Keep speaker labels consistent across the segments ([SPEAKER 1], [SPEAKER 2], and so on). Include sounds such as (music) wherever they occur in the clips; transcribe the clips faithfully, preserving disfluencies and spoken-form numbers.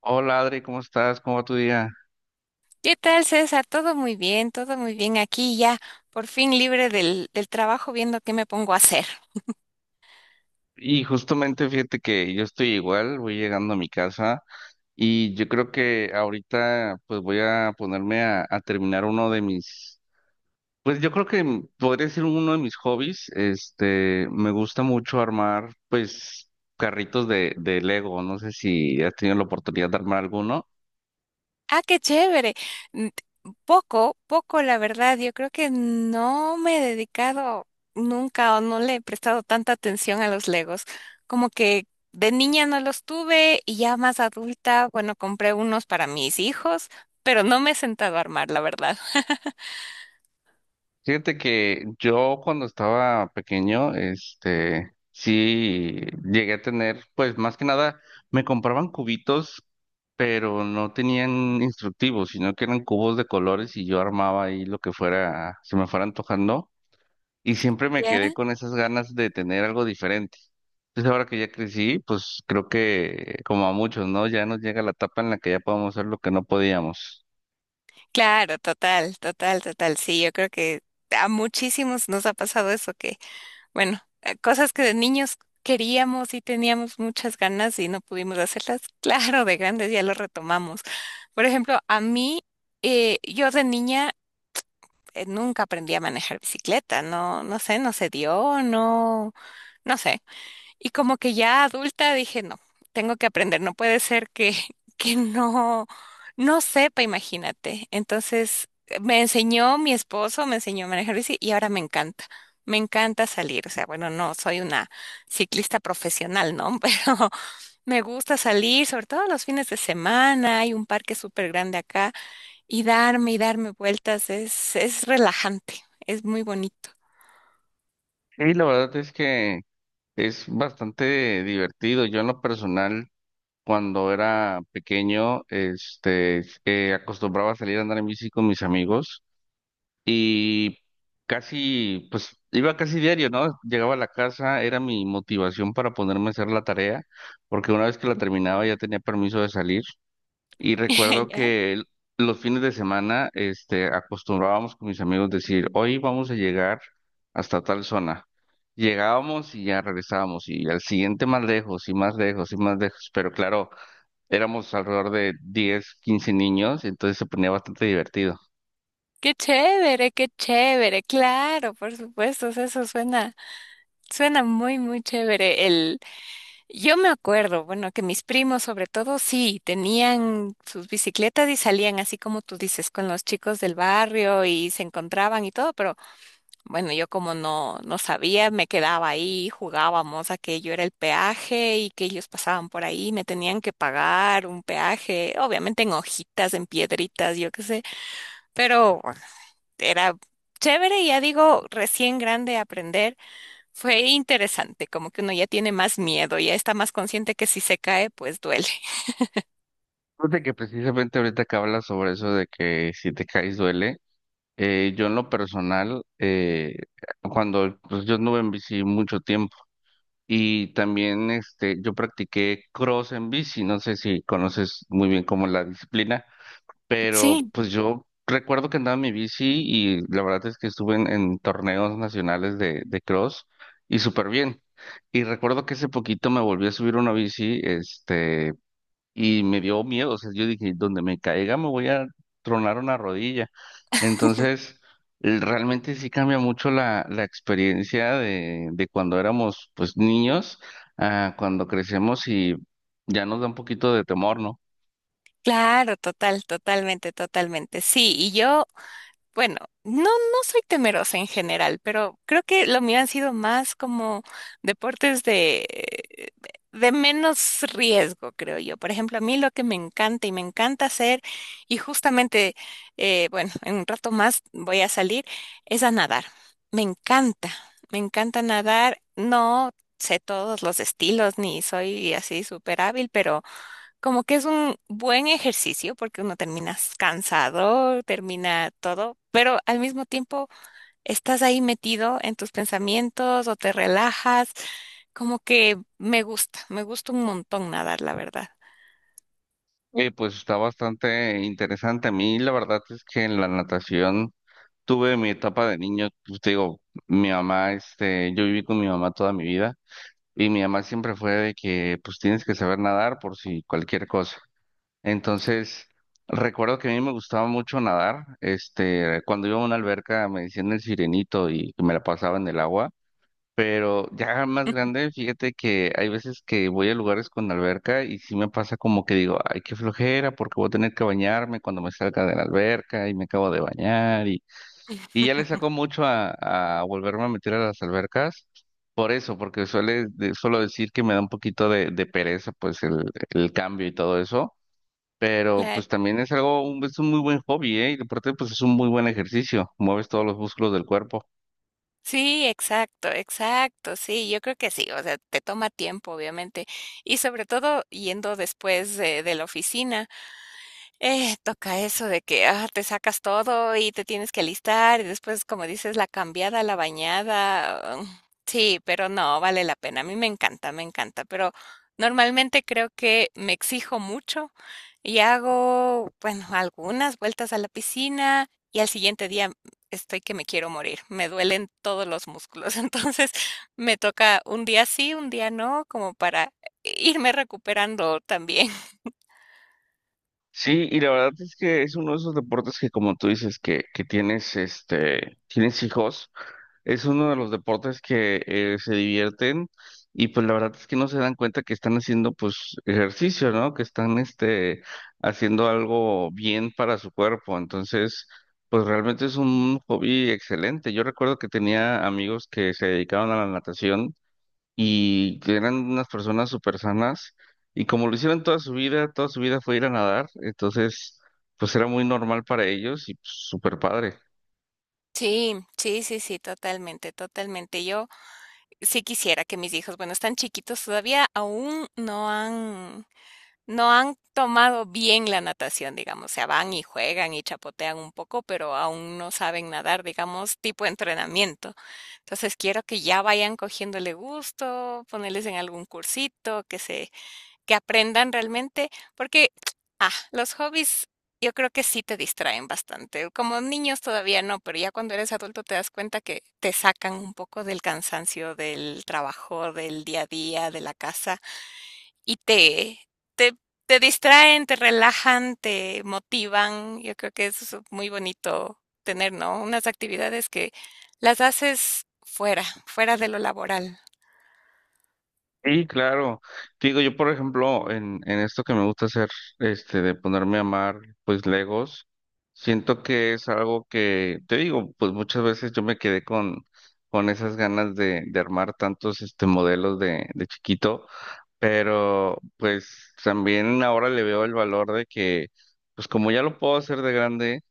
[SPEAKER 1] Hola Adri, ¿cómo estás? ¿Cómo va tu día?
[SPEAKER 2] ¿Qué tal, César? Todo muy bien, todo muy bien. Aquí ya, por fin libre del, del trabajo, viendo qué me pongo a hacer.
[SPEAKER 1] Y justamente fíjate que yo estoy igual, voy llegando a mi casa y yo creo que ahorita pues voy a ponerme a, a terminar uno de mis, pues yo creo que m- podría ser uno de mis hobbies, este, me gusta mucho armar pues carritos de, de Lego, no sé si has tenido la oportunidad de armar alguno.
[SPEAKER 2] Ah, qué chévere. Mm, poco, poco, la verdad. Yo creo que no me he dedicado nunca o no le he prestado tanta atención a los Legos. Como que de niña no los tuve y ya más adulta, bueno, compré unos para mis hijos, pero no me he sentado a armar, la verdad.
[SPEAKER 1] Fíjate que yo cuando estaba pequeño, este, sí llegué a tener, pues más que nada, me compraban cubitos, pero no tenían instructivos, sino que eran cubos de colores y yo armaba ahí lo que fuera, se me fuera antojando, y siempre me
[SPEAKER 2] ¿Ya?
[SPEAKER 1] quedé con esas ganas de tener algo diferente. Entonces ahora que ya crecí, pues creo que como a muchos, ¿no? Ya nos llega la etapa en la que ya podemos hacer lo que no podíamos.
[SPEAKER 2] Claro, total, total, total. Sí, yo creo que a muchísimos nos ha pasado eso, que bueno, eh, cosas que de niños queríamos y teníamos muchas ganas y no pudimos hacerlas. (laughs) Claro, de grandes ya lo retomamos. Por ejemplo, a mí, eh, yo de niña eh, nunca aprendí a manejar bicicleta. No, no sé, no se dio, no, no sé. Y como que ya adulta dije, no, tengo que aprender, no puede ser que, (laughs) que no, no sepa, imagínate. Entonces eh, me enseñó mi esposo, me enseñó a manejar bici y ahora me encanta. Me encanta salir, o sea, bueno, no soy una ciclista profesional, ¿no? (laughs) Pero me gusta salir, sobre todo los fines de semana, hay un parque súper grande acá y darme y darme vueltas es, es relajante, es muy bonito.
[SPEAKER 1] Y la verdad es que es bastante divertido. Yo en lo personal, cuando era pequeño, este, eh, acostumbraba a salir a andar en bici con mis amigos y casi, pues iba casi diario, ¿no? Llegaba a la casa, era mi motivación para ponerme a hacer la tarea, porque una vez que la terminaba ya tenía permiso de salir. Y
[SPEAKER 2] (laughs)
[SPEAKER 1] recuerdo
[SPEAKER 2] ¿Ya?
[SPEAKER 1] que el- los fines de semana, este, acostumbrábamos con mis amigos decir, hoy vamos a llegar hasta tal zona. Llegábamos y ya regresábamos, y al siguiente más lejos, y más lejos, y más lejos. Pero claro, éramos alrededor de diez quince niños, y entonces se ponía bastante divertido.
[SPEAKER 2] Qué chévere, qué chévere, claro, por supuesto, o sea, eso suena, suena muy, muy chévere. El, yo me acuerdo, bueno, que mis primos sobre todo sí tenían sus bicicletas y salían así como tú dices, con los chicos del barrio y se encontraban y todo, pero bueno, yo como no, no sabía, me quedaba ahí, jugábamos a que yo era el peaje y que ellos pasaban por ahí, me tenían que pagar un peaje, obviamente en hojitas, en piedritas, yo qué sé. Pero era chévere, ya digo, recién grande aprender, fue interesante, como que uno ya tiene más miedo, ya está más consciente que si se cae, pues duele. (laughs)
[SPEAKER 1] Fíjate que precisamente ahorita que hablas sobre eso de que si te caes duele, eh, yo en lo personal, eh, cuando pues, yo anduve en bici mucho tiempo, y también este, yo practiqué cross en bici, no sé si conoces muy bien como la disciplina, pero
[SPEAKER 2] Sí,
[SPEAKER 1] pues yo recuerdo que andaba en mi bici y la verdad es que estuve en, en torneos nacionales de, de cross y súper bien. Y recuerdo que hace poquito me volví a subir una bici, este, y me dio miedo, o sea, yo dije, donde me caiga me voy a tronar una rodilla. Entonces, el- realmente sí cambia mucho la, la experiencia de, de cuando éramos pues niños a cuando crecemos y ya nos da un poquito de temor, ¿no?
[SPEAKER 2] claro, total, totalmente, totalmente. Sí, y yo bueno, no, no soy temerosa en general, pero creo que lo mío han sido más como deportes de, de menos riesgo, creo yo. Por ejemplo, a mí lo que me encanta y me encanta hacer, y justamente, eh, bueno, en un rato más voy a salir, es a nadar. Me encanta, me encanta nadar. No sé todos los estilos, ni soy así súper hábil, pero, como que es un buen ejercicio porque uno termina cansado, termina todo, pero al mismo tiempo estás ahí metido en tus pensamientos o te relajas. Como que me gusta, me gusta un montón nadar, la verdad.
[SPEAKER 1] Eh, pues está bastante interesante. A mí la verdad es que en la natación tuve mi etapa de niño, pues, te digo, mi mamá, este, yo viví con mi mamá toda mi vida. Y mi mamá siempre fue de que, pues tienes que saber nadar por si cualquier cosa. Entonces, recuerdo que a mí me gustaba mucho nadar. Este, cuando iba a una alberca me decían el sirenito y me la pasaba en el agua. Pero ya más grande, fíjate que hay veces que voy a lugares con alberca y sí me pasa como que digo, ay, qué flojera, porque voy a tener que bañarme cuando me salga de la alberca y me acabo de bañar. Y y ya le
[SPEAKER 2] (laughs)
[SPEAKER 1] saco mucho a, a volverme a meter a las albercas. Por eso, porque suele, de- suelo decir que me da un poquito de, de pereza, pues el, el cambio y todo eso. Pero
[SPEAKER 2] Claro.
[SPEAKER 1] pues también es algo, un- es un muy buen hobby, ¿eh? Y aparte pues es un muy buen ejercicio, mueves todos los músculos del cuerpo.
[SPEAKER 2] Sí, exacto, exacto, sí, yo creo que sí, o sea, te toma tiempo, obviamente, y sobre todo yendo después de, de la oficina. Eh, toca eso de que, ah, te sacas todo y te tienes que alistar y después, como dices, la cambiada, la bañada. mm, Sí, pero no, vale la pena. A mí me encanta, me encanta, pero normalmente creo que me exijo mucho y hago, bueno, algunas vueltas a la piscina y al siguiente día estoy que me quiero morir. Me duelen todos los músculos. (laughs) Entonces, me toca un día sí, un día no, como para irme recuperando también.
[SPEAKER 1] Sí, y la verdad es que es uno de esos deportes que como tú dices que, que tienes, este, tienes hijos, es uno de los deportes que eh, se divierten y pues la verdad es que no se dan cuenta que están haciendo pues ejercicio, ¿no? Que están, este, haciendo algo bien para su cuerpo. Entonces, pues realmente es un hobby excelente. Yo recuerdo que tenía amigos que se dedicaban a la natación y que eran unas personas súper sanas y como lo hicieron toda su vida, toda su vida fue ir a nadar, entonces pues era muy normal para ellos y pues, súper padre.
[SPEAKER 2] Sí, sí, sí, sí, totalmente, totalmente. Yo sí quisiera que mis hijos, bueno, están chiquitos todavía, aún no han, no han tomado bien la natación, digamos. O sea, van y juegan y chapotean un poco, pero aún no saben nadar, digamos, tipo entrenamiento. Entonces quiero que ya vayan cogiéndole gusto, ponerles en algún cursito, que se que aprendan realmente, porque ah, los hobbies yo creo que sí te distraen bastante. Como niños todavía no, pero ya cuando eres adulto te das cuenta que te sacan un poco del cansancio del trabajo, del día a día, de la casa y te te te distraen, te relajan, te motivan. Yo creo que eso es muy bonito tener, ¿no? Unas actividades que las haces fuera, fuera de lo laboral.
[SPEAKER 1] Sí, claro. Te digo, yo por ejemplo, en, en esto que me gusta hacer, este, de ponerme a amar, pues Legos, siento que es algo que, te digo, pues muchas veces yo me quedé con, con esas ganas de, de armar tantos, este, modelos de, de chiquito. Pero pues también ahora le veo el valor de que, pues como ya lo puedo hacer de grande,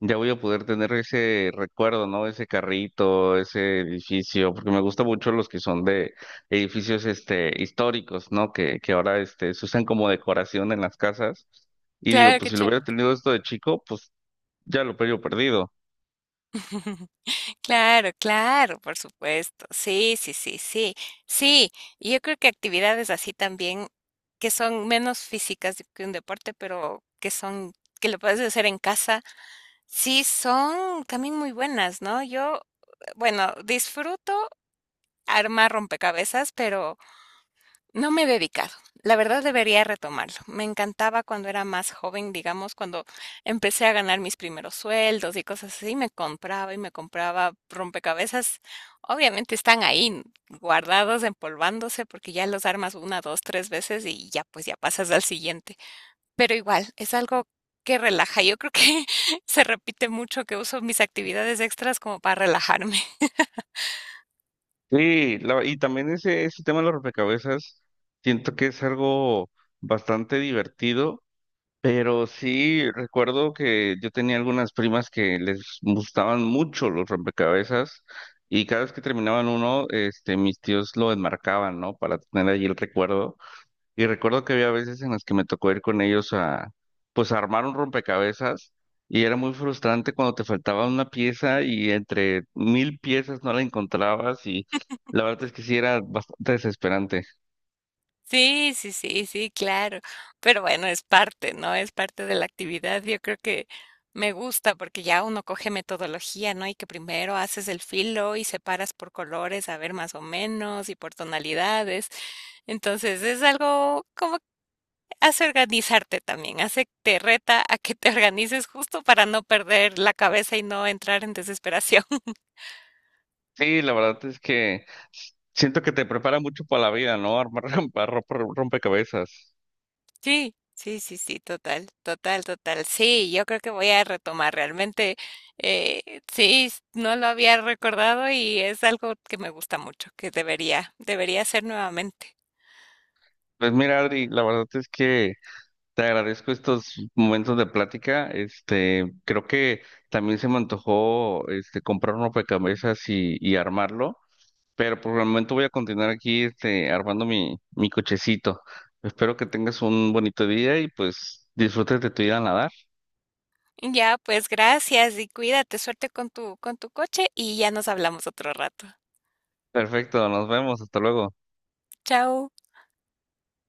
[SPEAKER 1] ya voy a poder tener ese recuerdo, ¿no? Ese carrito, ese edificio, porque me gusta mucho los que son de edificios este históricos, ¿no? Que, que ahora este se usan como decoración en las casas. Y digo,
[SPEAKER 2] Claro,
[SPEAKER 1] pues
[SPEAKER 2] qué
[SPEAKER 1] si lo hubiera
[SPEAKER 2] chévere.
[SPEAKER 1] tenido esto de chico, pues ya lo hubiera perdido.
[SPEAKER 2] Claro, claro, por supuesto. Sí, sí, sí, sí. Sí, y yo creo que actividades así también que son menos físicas que un deporte, pero que son que lo puedes hacer en casa, sí son también muy buenas, ¿no? Yo, bueno, disfruto armar rompecabezas, pero no me he dedicado. La verdad debería retomarlo. Me encantaba cuando era más joven, digamos, cuando empecé a ganar mis primeros sueldos y cosas así, me compraba y me compraba rompecabezas. Obviamente están ahí guardados, empolvándose, porque ya los armas una, dos, tres veces y ya pues ya pasas al siguiente. Pero igual, es algo que relaja. Yo creo que (laughs) se repite mucho que uso mis actividades extras como para relajarme.
[SPEAKER 1] Sí, la- y también ese, ese tema de los rompecabezas, siento que es algo bastante divertido. Pero sí, recuerdo que yo tenía algunas primas que les gustaban mucho los rompecabezas y cada vez que terminaban uno, este, mis tíos lo enmarcaban, ¿no? Para tener allí el recuerdo. Y recuerdo que había veces en las que me tocó ir con ellos a, pues, a armar un rompecabezas y era muy frustrante cuando te faltaba una pieza y entre mil piezas no la encontrabas y la verdad es que sí era bastante desesperante.
[SPEAKER 2] Sí, sí, sí, sí, claro. Pero bueno, es parte, ¿no? Es parte de la actividad. Yo creo que me gusta porque ya uno coge metodología, ¿no? Y que primero haces el filo y separas por colores, a ver más o menos, y por tonalidades. Entonces es algo como que hace organizarte también, hace te reta a que te (laughs) organices justo para no perder la cabeza y no entrar en desesperación.
[SPEAKER 1] Sí, la verdad es que siento que te prepara mucho para la vida, ¿no? Armar (laughs) rompa- rompa- rompecabezas.
[SPEAKER 2] Sí, sí, sí, sí, total, total, total. Sí, yo creo que voy a retomar realmente. Eh, sí, s- no lo había recordado y es algo que me gusta mucho, que debería, debería hacer nuevamente.
[SPEAKER 1] Pues mira, Adri, la verdad es que te agradezco estos momentos de plática. Este, creo que también se me antojó este comprar un rompecabezas y, y armarlo, pero por el momento voy a continuar aquí este armando mi, mi cochecito. Espero que tengas un bonito día y pues disfrutes de tu vida a nadar.
[SPEAKER 2] Ya, pues gracias y cuídate, suerte con tu, con tu coche y ya nos hablamos otro rato.
[SPEAKER 1] Perfecto, nos vemos, hasta luego.
[SPEAKER 2] Chao.